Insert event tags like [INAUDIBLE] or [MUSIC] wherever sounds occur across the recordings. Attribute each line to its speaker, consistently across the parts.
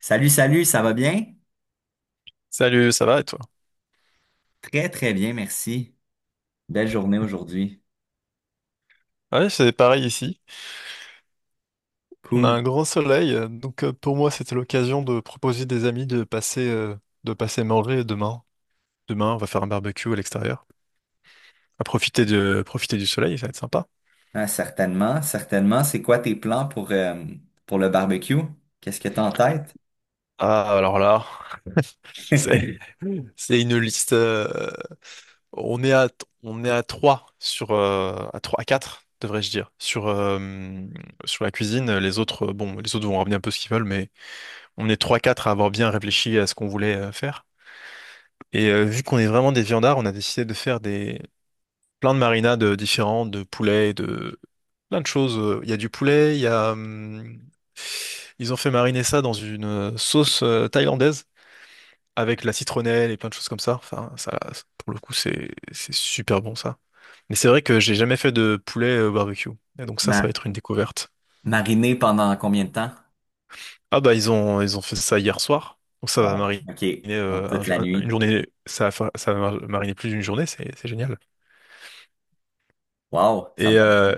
Speaker 1: Salut, salut, ça va bien?
Speaker 2: Salut, ça va et toi?
Speaker 1: Très, très bien, merci. Belle journée aujourd'hui.
Speaker 2: Ouais, c'est pareil ici. On a
Speaker 1: Cool.
Speaker 2: un grand soleil, donc pour moi c'était l'occasion de proposer des amis de passer manger demain. Demain, on va faire un barbecue à l'extérieur. Profiter du soleil, ça va être sympa.
Speaker 1: Ah, certainement, certainement. C'est quoi tes plans pour le barbecue? Qu'est-ce que t'as en tête?
Speaker 2: Ah, alors là, [LAUGHS]
Speaker 1: [LAUGHS]
Speaker 2: c'est, c'est une liste. On est à, on est à 3 sur, à 3 à 4 devrais-je dire, sur la cuisine. Les autres, bon, les autres vont ramener un peu ce qu'ils veulent, mais on est trois quatre à avoir bien réfléchi à ce qu'on voulait faire. Et vu qu'on est vraiment des viandards, on a décidé de faire des plein de marinades différentes, de poulet, de plein de choses. Il y a du poulet, il y a ils ont fait mariner ça dans une sauce thaïlandaise avec la citronnelle et plein de choses comme ça. Enfin, ça, pour le coup, c'est super bon ça. Mais c'est vrai que j'ai jamais fait de poulet au barbecue. Et donc ça va
Speaker 1: Ma-
Speaker 2: être une découverte.
Speaker 1: Mariner pendant combien de temps?
Speaker 2: Ah bah ils ont fait ça hier soir. Donc ça va
Speaker 1: Wow.
Speaker 2: mariner
Speaker 1: OK, donc toute la
Speaker 2: une
Speaker 1: nuit.
Speaker 2: journée. Ça va mariner plus d'une journée. C'est génial.
Speaker 1: Wow, ça me
Speaker 2: Et,
Speaker 1: donne.
Speaker 2: euh,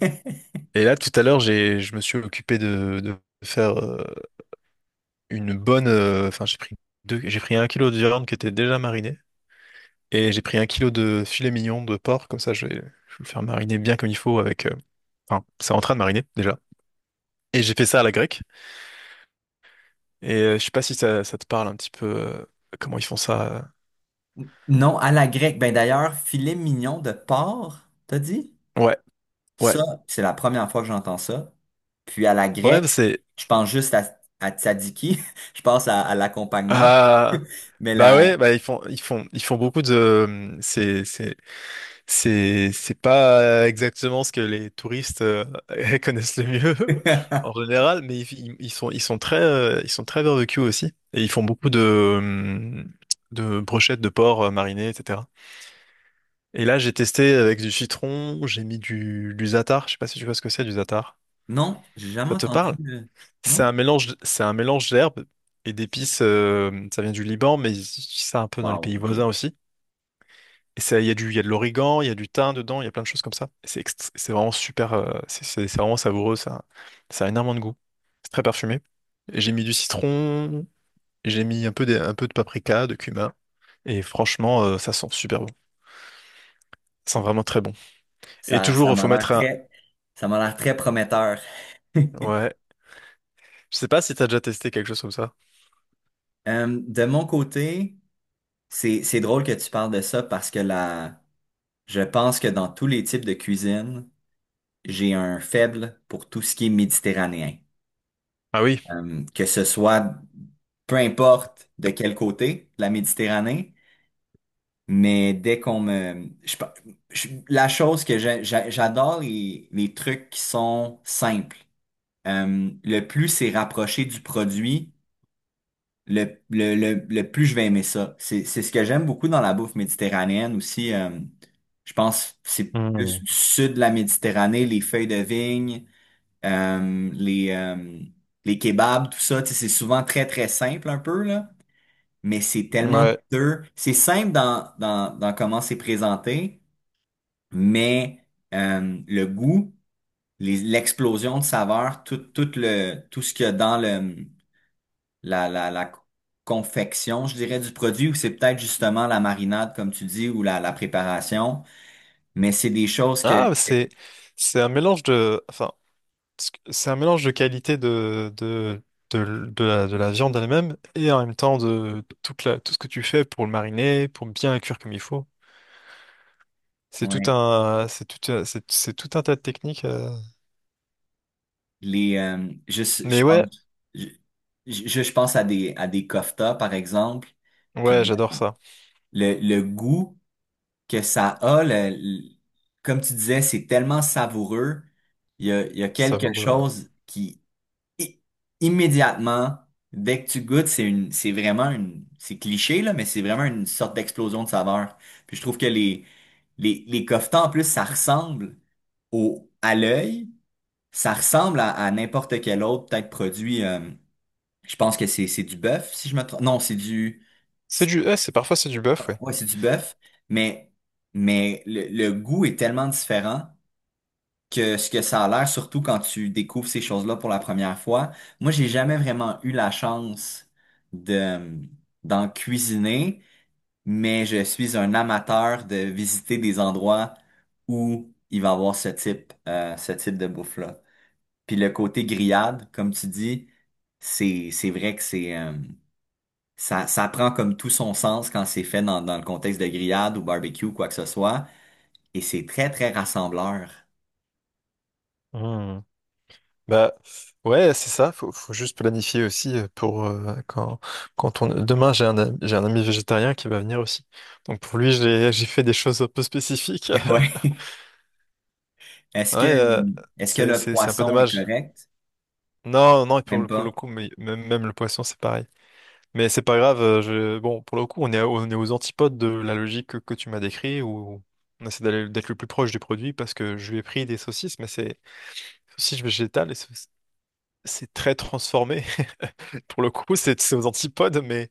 Speaker 1: faim. [LAUGHS]
Speaker 2: Et là, tout à l'heure, je me suis occupé de faire une bonne. Enfin, j'ai pris deux, j'ai pris un kilo de viande qui était déjà marinée et j'ai pris un kilo de filet mignon de porc. Comme ça, je vais le faire mariner bien comme il faut avec. Enfin, c'est en train de mariner déjà. Et j'ai fait ça à la grecque. Et je sais pas si ça te parle un petit peu comment ils font ça.
Speaker 1: Non, à la grecque. Ben d'ailleurs, filet mignon de porc, t'as dit?
Speaker 2: Ouais, ouais,
Speaker 1: Ça, c'est la première fois que j'entends ça. Puis à la
Speaker 2: ouais. bah
Speaker 1: grecque,
Speaker 2: C'est
Speaker 1: je pense juste à tzatziki. [LAUGHS] Je pense à l'accompagnement.
Speaker 2: Ah
Speaker 1: Mais
Speaker 2: bah
Speaker 1: la...
Speaker 2: ouais, bah ils font beaucoup de. C'est pas exactement ce que les touristes [LAUGHS] connaissent le mieux [LAUGHS] en
Speaker 1: [LAUGHS]
Speaker 2: général, mais ils sont très barbecue aussi et ils font beaucoup de brochettes de porc marinées etc. Et là j'ai testé avec du citron, j'ai mis du za'atar, je sais pas si tu vois ce que c'est du za'atar.
Speaker 1: Non, j'ai jamais
Speaker 2: Ça te
Speaker 1: entendu.
Speaker 2: parle? C'est un
Speaker 1: Non?
Speaker 2: mélange c'est un mélange d'herbes et d'épices. Ça vient du Liban, mais ils utilisent ça un peu dans les
Speaker 1: Wow,
Speaker 2: pays voisins
Speaker 1: OK.
Speaker 2: aussi. Et ça, il y a de l'origan, il y a du thym dedans, il y a plein de choses comme ça. Et c'est vraiment super, c'est vraiment savoureux, ça a énormément de goût. C'est très parfumé. Et j'ai mis du citron, j'ai mis un peu de paprika, de cumin, et franchement, ça sent super bon. Ça sent vraiment très bon. Et
Speaker 1: Ça,
Speaker 2: toujours,
Speaker 1: ça
Speaker 2: il
Speaker 1: m'a
Speaker 2: faut
Speaker 1: l'air
Speaker 2: mettre un.
Speaker 1: très, ça m'a l'air très prometteur. [LAUGHS]
Speaker 2: Ouais. Je sais pas si t'as déjà testé quelque chose comme ça.
Speaker 1: De mon côté, c'est drôle que tu parles de ça parce que la, je pense que dans tous les types de cuisine, j'ai un faible pour tout ce qui est méditerranéen.
Speaker 2: Ah oui.
Speaker 1: Que ce soit peu importe de quel côté de la Méditerranée, mais dès qu'on me... la chose que j'adore, les trucs qui sont simples. Le plus c'est rapproché du produit, le plus je vais aimer ça. C'est ce que j'aime beaucoup dans la bouffe méditerranéenne aussi. Je pense que c'est plus
Speaker 2: Hmm.
Speaker 1: du sud de la Méditerranée, les feuilles de vigne, euh, les, euh, les kebabs, tout ça. Tu sais, c'est souvent très, très simple un peu, là, mais c'est tellement
Speaker 2: Ouais.
Speaker 1: dur. C'est simple dans, dans comment c'est présenté, mais le goût, l'explosion de saveurs, tout ce qu'il y a dans le, la confection, je dirais, du produit, ou c'est peut-être justement la marinade, comme tu dis, ou la préparation, mais c'est des choses que,
Speaker 2: Ah, c'est un mélange de. Enfin, parce que c'est un mélange de qualité de, de la viande elle-même et en même temps de tout ce que tu fais pour le mariner, pour bien le cuire comme il faut. C'est tout
Speaker 1: ouais,
Speaker 2: un, c'est tout, un- c'est, c'est tout un tas de techniques.
Speaker 1: juste, je
Speaker 2: Mais ouais,
Speaker 1: pense, je, je pense à des koftas, par exemple,
Speaker 2: ouais,
Speaker 1: puis
Speaker 2: j'adore ça.
Speaker 1: le goût, que ça a, comme tu disais, c'est tellement savoureux. Il y a
Speaker 2: C'est
Speaker 1: quelque
Speaker 2: savoureux, ouais.
Speaker 1: chose qui, i- immédiatement, dès que tu goûtes, c'est vraiment une, c'est cliché, là, mais c'est vraiment une sorte d'explosion de saveur. Puis je trouve que les coffetons, en plus, ça ressemble à l'œil, ça ressemble à n'importe quel autre, peut-être produit, je pense que c'est du bœuf, si je me trompe. Non, c'est du,
Speaker 2: C'est du, ouais, c'est parfois c'est du bœuf, ouais.
Speaker 1: ouais, c'est du bœuf, mais, mais le goût est tellement différent que ce que ça a l'air, surtout quand tu découvres ces choses-là pour la première fois. Moi, j'ai jamais vraiment eu la chance de, d'en cuisiner, mais je suis un amateur de visiter des endroits où il va y avoir ce type de bouffe-là. Puis le côté grillade, comme tu dis, c'est vrai que ça, ça prend comme tout son sens quand c'est fait dans le contexte de grillade ou barbecue, quoi que ce soit. Et c'est très, très rassembleur.
Speaker 2: Hmm. Bah ouais, c'est ça. Faut juste planifier aussi pour quand quand on demain j'ai j'ai un ami végétarien qui va venir aussi. Donc pour lui j'ai fait des choses un peu spécifiques.
Speaker 1: [LAUGHS] Ouais. Est-ce
Speaker 2: Ouais,
Speaker 1: que, est-ce que
Speaker 2: c'est,
Speaker 1: le
Speaker 2: c'est, c'est un peu
Speaker 1: poisson est
Speaker 2: dommage.
Speaker 1: correct?
Speaker 2: Non, non, et pour,
Speaker 1: Même
Speaker 2: pour
Speaker 1: pas.
Speaker 2: le coup, même, même le poisson, c'est pareil. Mais c'est pas grave, je... bon, pour le coup, on est aux antipodes de la logique que tu m'as décrit, où on essaie d'être le plus proche du produit, parce que je lui ai pris des saucisses, mais c'est saucisses végétales, et c'est très transformé. [LAUGHS] Pour le coup, c'est aux antipodes, mais,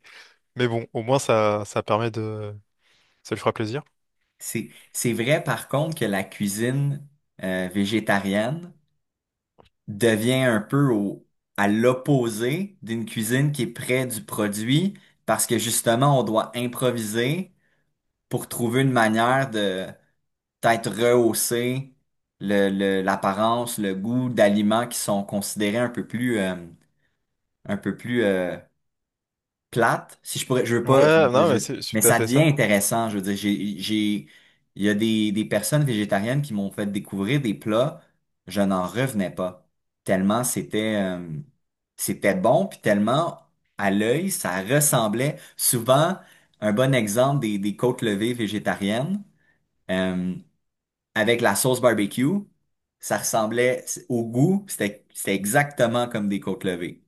Speaker 2: mais bon, au moins, ça permet de... Ça lui fera plaisir.
Speaker 1: C'est vrai, par contre, que la cuisine végétarienne devient un peu à l'opposé d'une cuisine qui est près du produit parce que justement, on doit improviser pour trouver une manière de peut-être rehausser le, l'apparence, le goût d'aliments qui sont considérés un peu plus plates. Si je pourrais, je veux pas, je
Speaker 2: Ouais,
Speaker 1: veux
Speaker 2: non, mais
Speaker 1: dire,
Speaker 2: c'est
Speaker 1: mais
Speaker 2: tout à
Speaker 1: ça
Speaker 2: fait
Speaker 1: devient
Speaker 2: ça.
Speaker 1: intéressant. Je veux dire, il y a des personnes végétariennes qui m'ont fait découvrir des plats, je n'en revenais pas. Tellement c'était bon, puis tellement à l'œil, ça ressemblait souvent. Un bon exemple des côtes levées végétariennes. euh, Avec la sauce barbecue. Au goût, c'était exactement comme des côtes levées.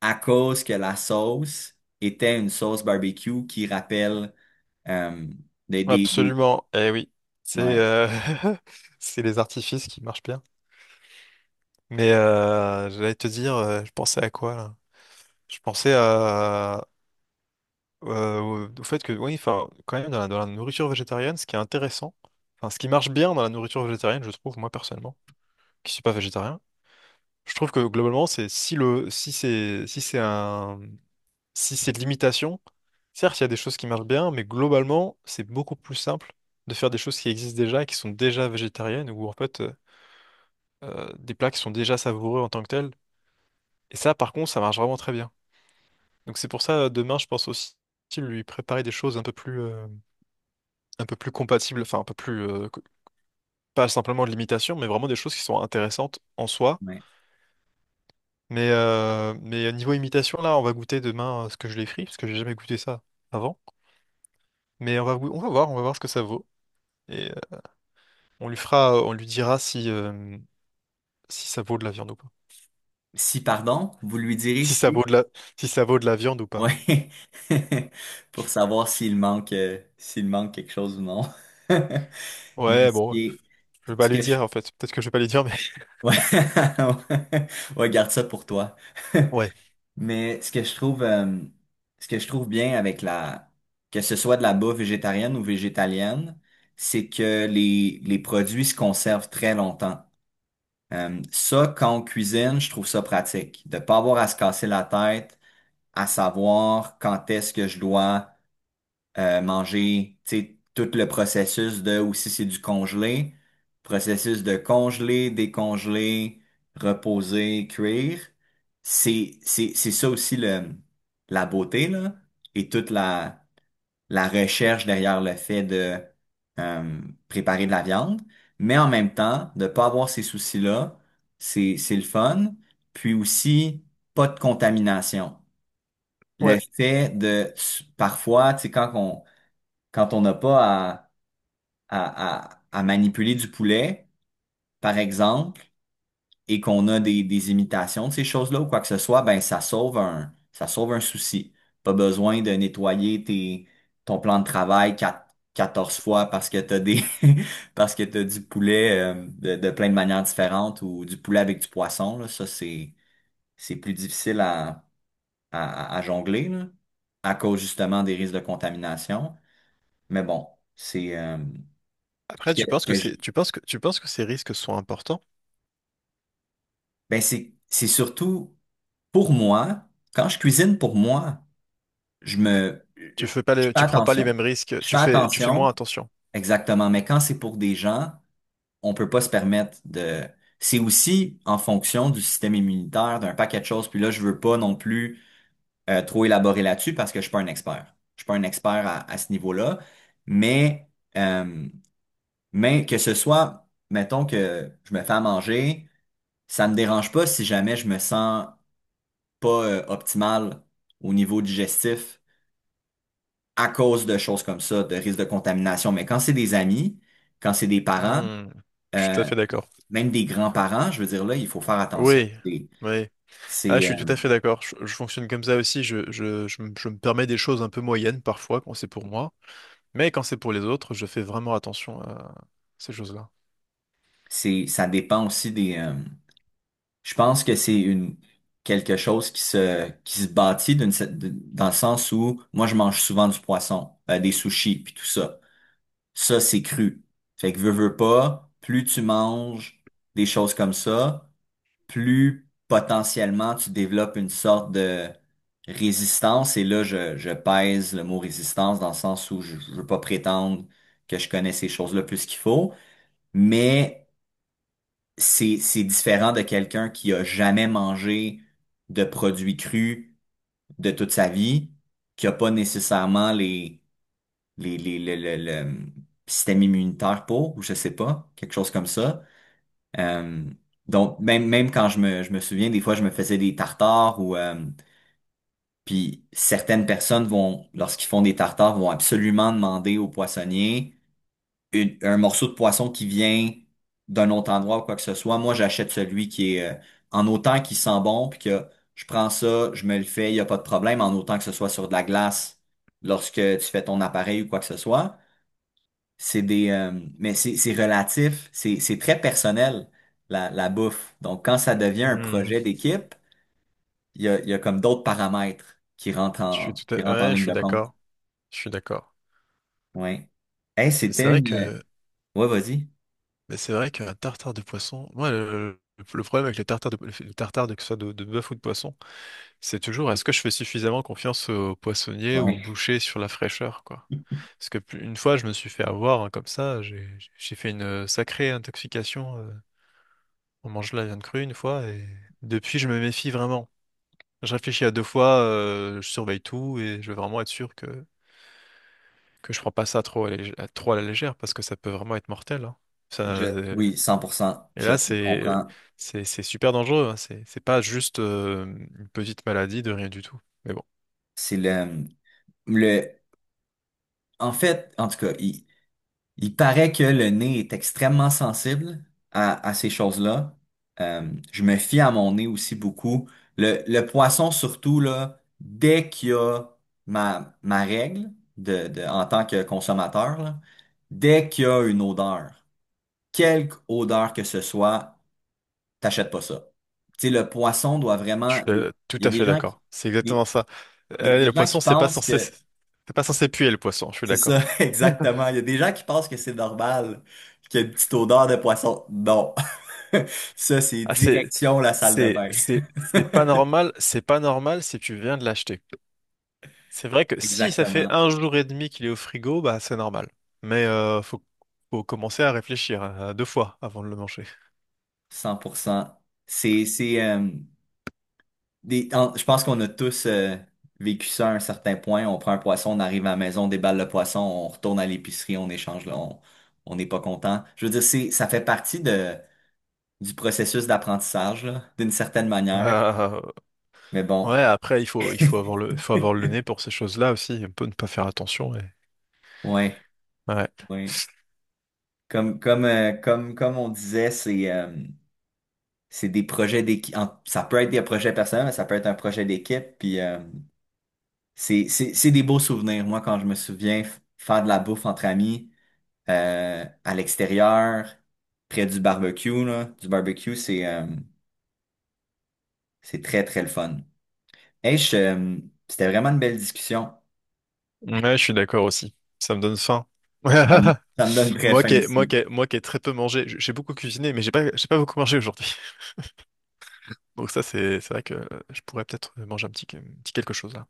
Speaker 1: À cause que la sauce était une sauce barbecue qui rappelle euh, des-
Speaker 2: Absolument. Eh oui, c'est
Speaker 1: Ouais,
Speaker 2: [LAUGHS] c'est les artifices qui marchent bien. Mais j'allais te dire, je pensais à quoi là? Je pensais à au au fait que oui, enfin, quand même dans la nourriture végétarienne, ce qui est intéressant, enfin, ce qui marche bien dans la nourriture végétarienne, je trouve moi personnellement. Qui suis pas végétarien. Je trouve que globalement, c'est si le si c'est si c'est un si c'est de l'imitation, certes, il y a des choses qui marchent bien, mais globalement, c'est beaucoup plus simple de faire des choses qui existent déjà et qui sont déjà végétariennes ou en fait des plats qui sont déjà savoureux en tant que tels. Et ça, par contre, ça marche vraiment très bien. Donc c'est pour ça, demain, je pense aussi lui préparer des choses un peu plus compatibles, enfin un peu plus co- pas simplement de l'imitation, mais vraiment des choses qui sont intéressantes en soi.
Speaker 1: ouais.
Speaker 2: Mais, niveau imitation, là, on va goûter demain ce que je l'ai frit, parce que j'ai jamais goûté ça avant. Mais on va, goû- on va voir ce que ça vaut. Et on lui dira si ça vaut de la viande ou pas.
Speaker 1: Si, pardon, vous lui direz
Speaker 2: Si ça
Speaker 1: si.
Speaker 2: vaut de la, Si ça vaut de la viande ou pas.
Speaker 1: Ouais. [LAUGHS] Pour savoir s'il manque quelque chose ou non. [LAUGHS] Mais
Speaker 2: Ouais,
Speaker 1: ce
Speaker 2: bon,
Speaker 1: qui est.
Speaker 2: je vais pas
Speaker 1: Ce
Speaker 2: lui
Speaker 1: que je...
Speaker 2: dire en fait. Peut-être que je vais pas lui dire, mais
Speaker 1: Ouais. [LAUGHS] Ouais, garde ça pour toi.
Speaker 2: [LAUGHS] ouais,
Speaker 1: [LAUGHS] Mais ce que je trouve bien avec la, que ce soit de la bouffe végétarienne ou végétalienne, c'est que les produits se conservent très longtemps. Ça, quand on cuisine, je trouve ça pratique. De pas avoir à se casser la tête, à savoir quand est-ce que je dois manger, tu sais, tout le processus de, ou si c'est du congelé, processus de congeler, décongeler, reposer, cuire. C'est ça aussi le, la beauté, là, et toute la, la recherche derrière le fait de euh, préparer de la viande. Mais en même temps, de pas avoir ces soucis-là, c'est le fun. Puis aussi, pas de contamination.
Speaker 2: ouais.
Speaker 1: Le fait de, parfois, tu sais, quand on, n'a pas à, à manipuler du poulet, par exemple, et qu'on a des imitations de ces choses-là ou quoi que ce soit, ben ça sauve un souci. Pas besoin de nettoyer tes, ton plan de travail 14 fois parce que t'as des [LAUGHS] parce que t'as du poulet de plein de manières différentes ou du poulet avec du poisson, là. Ça, c'est plus difficile à, à jongler, là, à cause justement des risques de contamination. Mais bon, c'est ce
Speaker 2: Après, tu penses que
Speaker 1: que,
Speaker 2: c'est, tu penses que ces risques sont importants?
Speaker 1: ben c'est surtout pour moi, quand je cuisine pour moi, je me je
Speaker 2: Tu fais pas les,
Speaker 1: fais
Speaker 2: tu prends pas les
Speaker 1: attention.
Speaker 2: mêmes risques.
Speaker 1: Je
Speaker 2: Tu
Speaker 1: fais
Speaker 2: fais, tu fais moins
Speaker 1: attention,
Speaker 2: attention.
Speaker 1: exactement, mais quand c'est pour des gens, on peut pas se permettre de c'est aussi en fonction du système immunitaire, d'un paquet de choses, puis là je veux pas non plus trop élaborer là-dessus parce que je suis pas un expert. Je suis pas un expert à ce niveau-là, mais euh, mais que ce soit mettons que je me fais à manger, ça me dérange pas si jamais je me sens pas optimale au niveau digestif à cause de choses comme ça, de risque de contamination. Mais quand c'est des amis, quand c'est des parents,
Speaker 2: Hmm, je suis tout à
Speaker 1: euh,
Speaker 2: fait d'accord.
Speaker 1: même des grands-parents, je veux dire là, il faut faire attention.
Speaker 2: Oui, oui. Ah, je
Speaker 1: C'est,
Speaker 2: suis tout
Speaker 1: euh,
Speaker 2: à fait d'accord. Je fonctionne comme ça aussi. Je me permets des choses un peu moyennes parfois quand c'est pour moi. Mais quand c'est pour les autres, je fais vraiment attention à ces choses-là.
Speaker 1: Ça dépend aussi des. Je pense que c'est une quelque chose qui se bâtit d'une dans le sens où moi je mange souvent du poisson, des sushis puis tout ça. Ça c'est cru. Fait que veux veux pas, plus tu manges des choses comme ça, plus potentiellement tu développes une sorte de résistance. Et là, je pèse le mot résistance dans le sens où je veux pas prétendre que je connais ces choses-là plus qu'il faut, mais c'est différent de quelqu'un qui a jamais mangé de produits crus de toute sa vie, qui a pas nécessairement les, le système immunitaire pour, ou je sais pas, quelque chose comme ça. Euh, donc, même quand je me souviens, des fois, je me faisais des tartares puis certaines personnes vont, lorsqu'ils font des tartares, vont absolument demander au poissonnier un morceau de poisson qui vient d'un autre endroit ou quoi que ce soit. Moi, j'achète celui qui est, en autant qu'il sent bon, puis que je prends ça, je me le fais, il n'y a pas de problème, en autant que ce soit sur de la glace lorsque tu fais ton appareil ou quoi que ce soit. C'est des, mais c'est relatif, c'est très personnel, la bouffe. Donc, quand ça devient un
Speaker 2: Hmm.
Speaker 1: projet d'équipe, il y a comme d'autres paramètres qui
Speaker 2: Je suis tout
Speaker 1: qui
Speaker 2: à...
Speaker 1: rentrent en
Speaker 2: Ouais, je
Speaker 1: ligne
Speaker 2: suis
Speaker 1: de compte.
Speaker 2: d'accord. Je suis d'accord.
Speaker 1: Ouais. Hey,
Speaker 2: Mais
Speaker 1: c'était
Speaker 2: c'est vrai
Speaker 1: une...
Speaker 2: que,
Speaker 1: Ouais, vas-y.
Speaker 2: mais c'est vrai qu'un tartare de poisson, moi, le problème avec les tartares de, que ce soit de bœuf ou de poisson, c'est toujours est-ce que je fais suffisamment confiance au poissonnier ou au
Speaker 1: Ouais.
Speaker 2: boucher sur la fraîcheur, quoi. Parce que une fois, je me suis fait avoir hein, comme ça, j'ai fait une sacrée intoxication. On mange la viande crue une fois et depuis je me méfie vraiment. Je réfléchis à deux fois, je surveille tout et je veux vraiment être sûr que je prends pas ça trop à la légère parce que ça peut vraiment être mortel, hein. Ça,
Speaker 1: Je, oui, 100%
Speaker 2: et
Speaker 1: je
Speaker 2: là
Speaker 1: te
Speaker 2: c'est
Speaker 1: comprends.
Speaker 2: c'est c'est super dangereux, hein. C'est pas juste une petite maladie de rien du tout. Mais bon.
Speaker 1: C'est le, le, En fait, en tout cas, il paraît que le nez est extrêmement sensible à ces choses-là. Euh, je me fie à mon nez aussi beaucoup. Le poisson, surtout, là, dès qu'il y a ma règle de, en tant que consommateur, là, dès qu'il y a une odeur, quelque odeur que ce soit, t'achètes pas ça. Tu sais, le poisson doit vraiment. Il
Speaker 2: Tout
Speaker 1: y a
Speaker 2: à
Speaker 1: des
Speaker 2: fait
Speaker 1: gens
Speaker 2: d'accord. C'est
Speaker 1: des,
Speaker 2: exactement ça.
Speaker 1: des
Speaker 2: Le
Speaker 1: gens qui
Speaker 2: poisson, c'est pas
Speaker 1: pensent
Speaker 2: censé,
Speaker 1: que.
Speaker 2: c'est pas censé puer le poisson. Je suis
Speaker 1: C'est ça,
Speaker 2: d'accord.
Speaker 1: [LAUGHS] exactement. Il y a des gens qui pensent que c'est normal, qu'il y a une petite odeur de poisson. Non. [LAUGHS] Ça, c'est
Speaker 2: Ah,
Speaker 1: direction la salle de bain.
Speaker 2: c'est pas normal si tu viens de l'acheter. C'est vrai que si ça fait
Speaker 1: Exactement.
Speaker 2: un jour et demi qu'il est au frigo, bah c'est normal. Mais faut commencer à réfléchir hein, à deux fois avant de le manger.
Speaker 1: 100%. C'est, c'est, euh, je pense qu'on a tous vécu ça à un certain point. On prend un poisson, on arrive à la maison, on déballe le poisson, on retourne à l'épicerie, on échange, là, on n'est pas content. Je veux dire, ça fait partie de, du processus d'apprentissage, là, d'une certaine
Speaker 2: Ah,
Speaker 1: manière.
Speaker 2: ah, ah.
Speaker 1: Mais bon,
Speaker 2: Ouais, après, il faut avoir le nez pour ces choses-là aussi. Il peut ne pas faire attention.
Speaker 1: ouais,
Speaker 2: Ouais.
Speaker 1: ouais. Comme on disait, c'est des projets d'équipe. Ça peut être des projets personnels, mais ça peut être un projet d'équipe. Puis c'est c'est des beaux souvenirs. Moi, quand je me souviens faire de la bouffe entre amis à l'extérieur, près du barbecue, là, du barbecue, c'est très, très le fun. Hey, c'était vraiment une belle discussion.
Speaker 2: Ouais, je suis d'accord aussi. Ça me donne faim.
Speaker 1: Ça me,
Speaker 2: [LAUGHS]
Speaker 1: ça me donne très faim aussi.
Speaker 2: Moi qui ai très peu mangé, j'ai beaucoup cuisiné, mais j'ai pas beaucoup mangé aujourd'hui. [LAUGHS] Donc ça, c'est vrai que je pourrais peut-être manger un petit quelque chose là.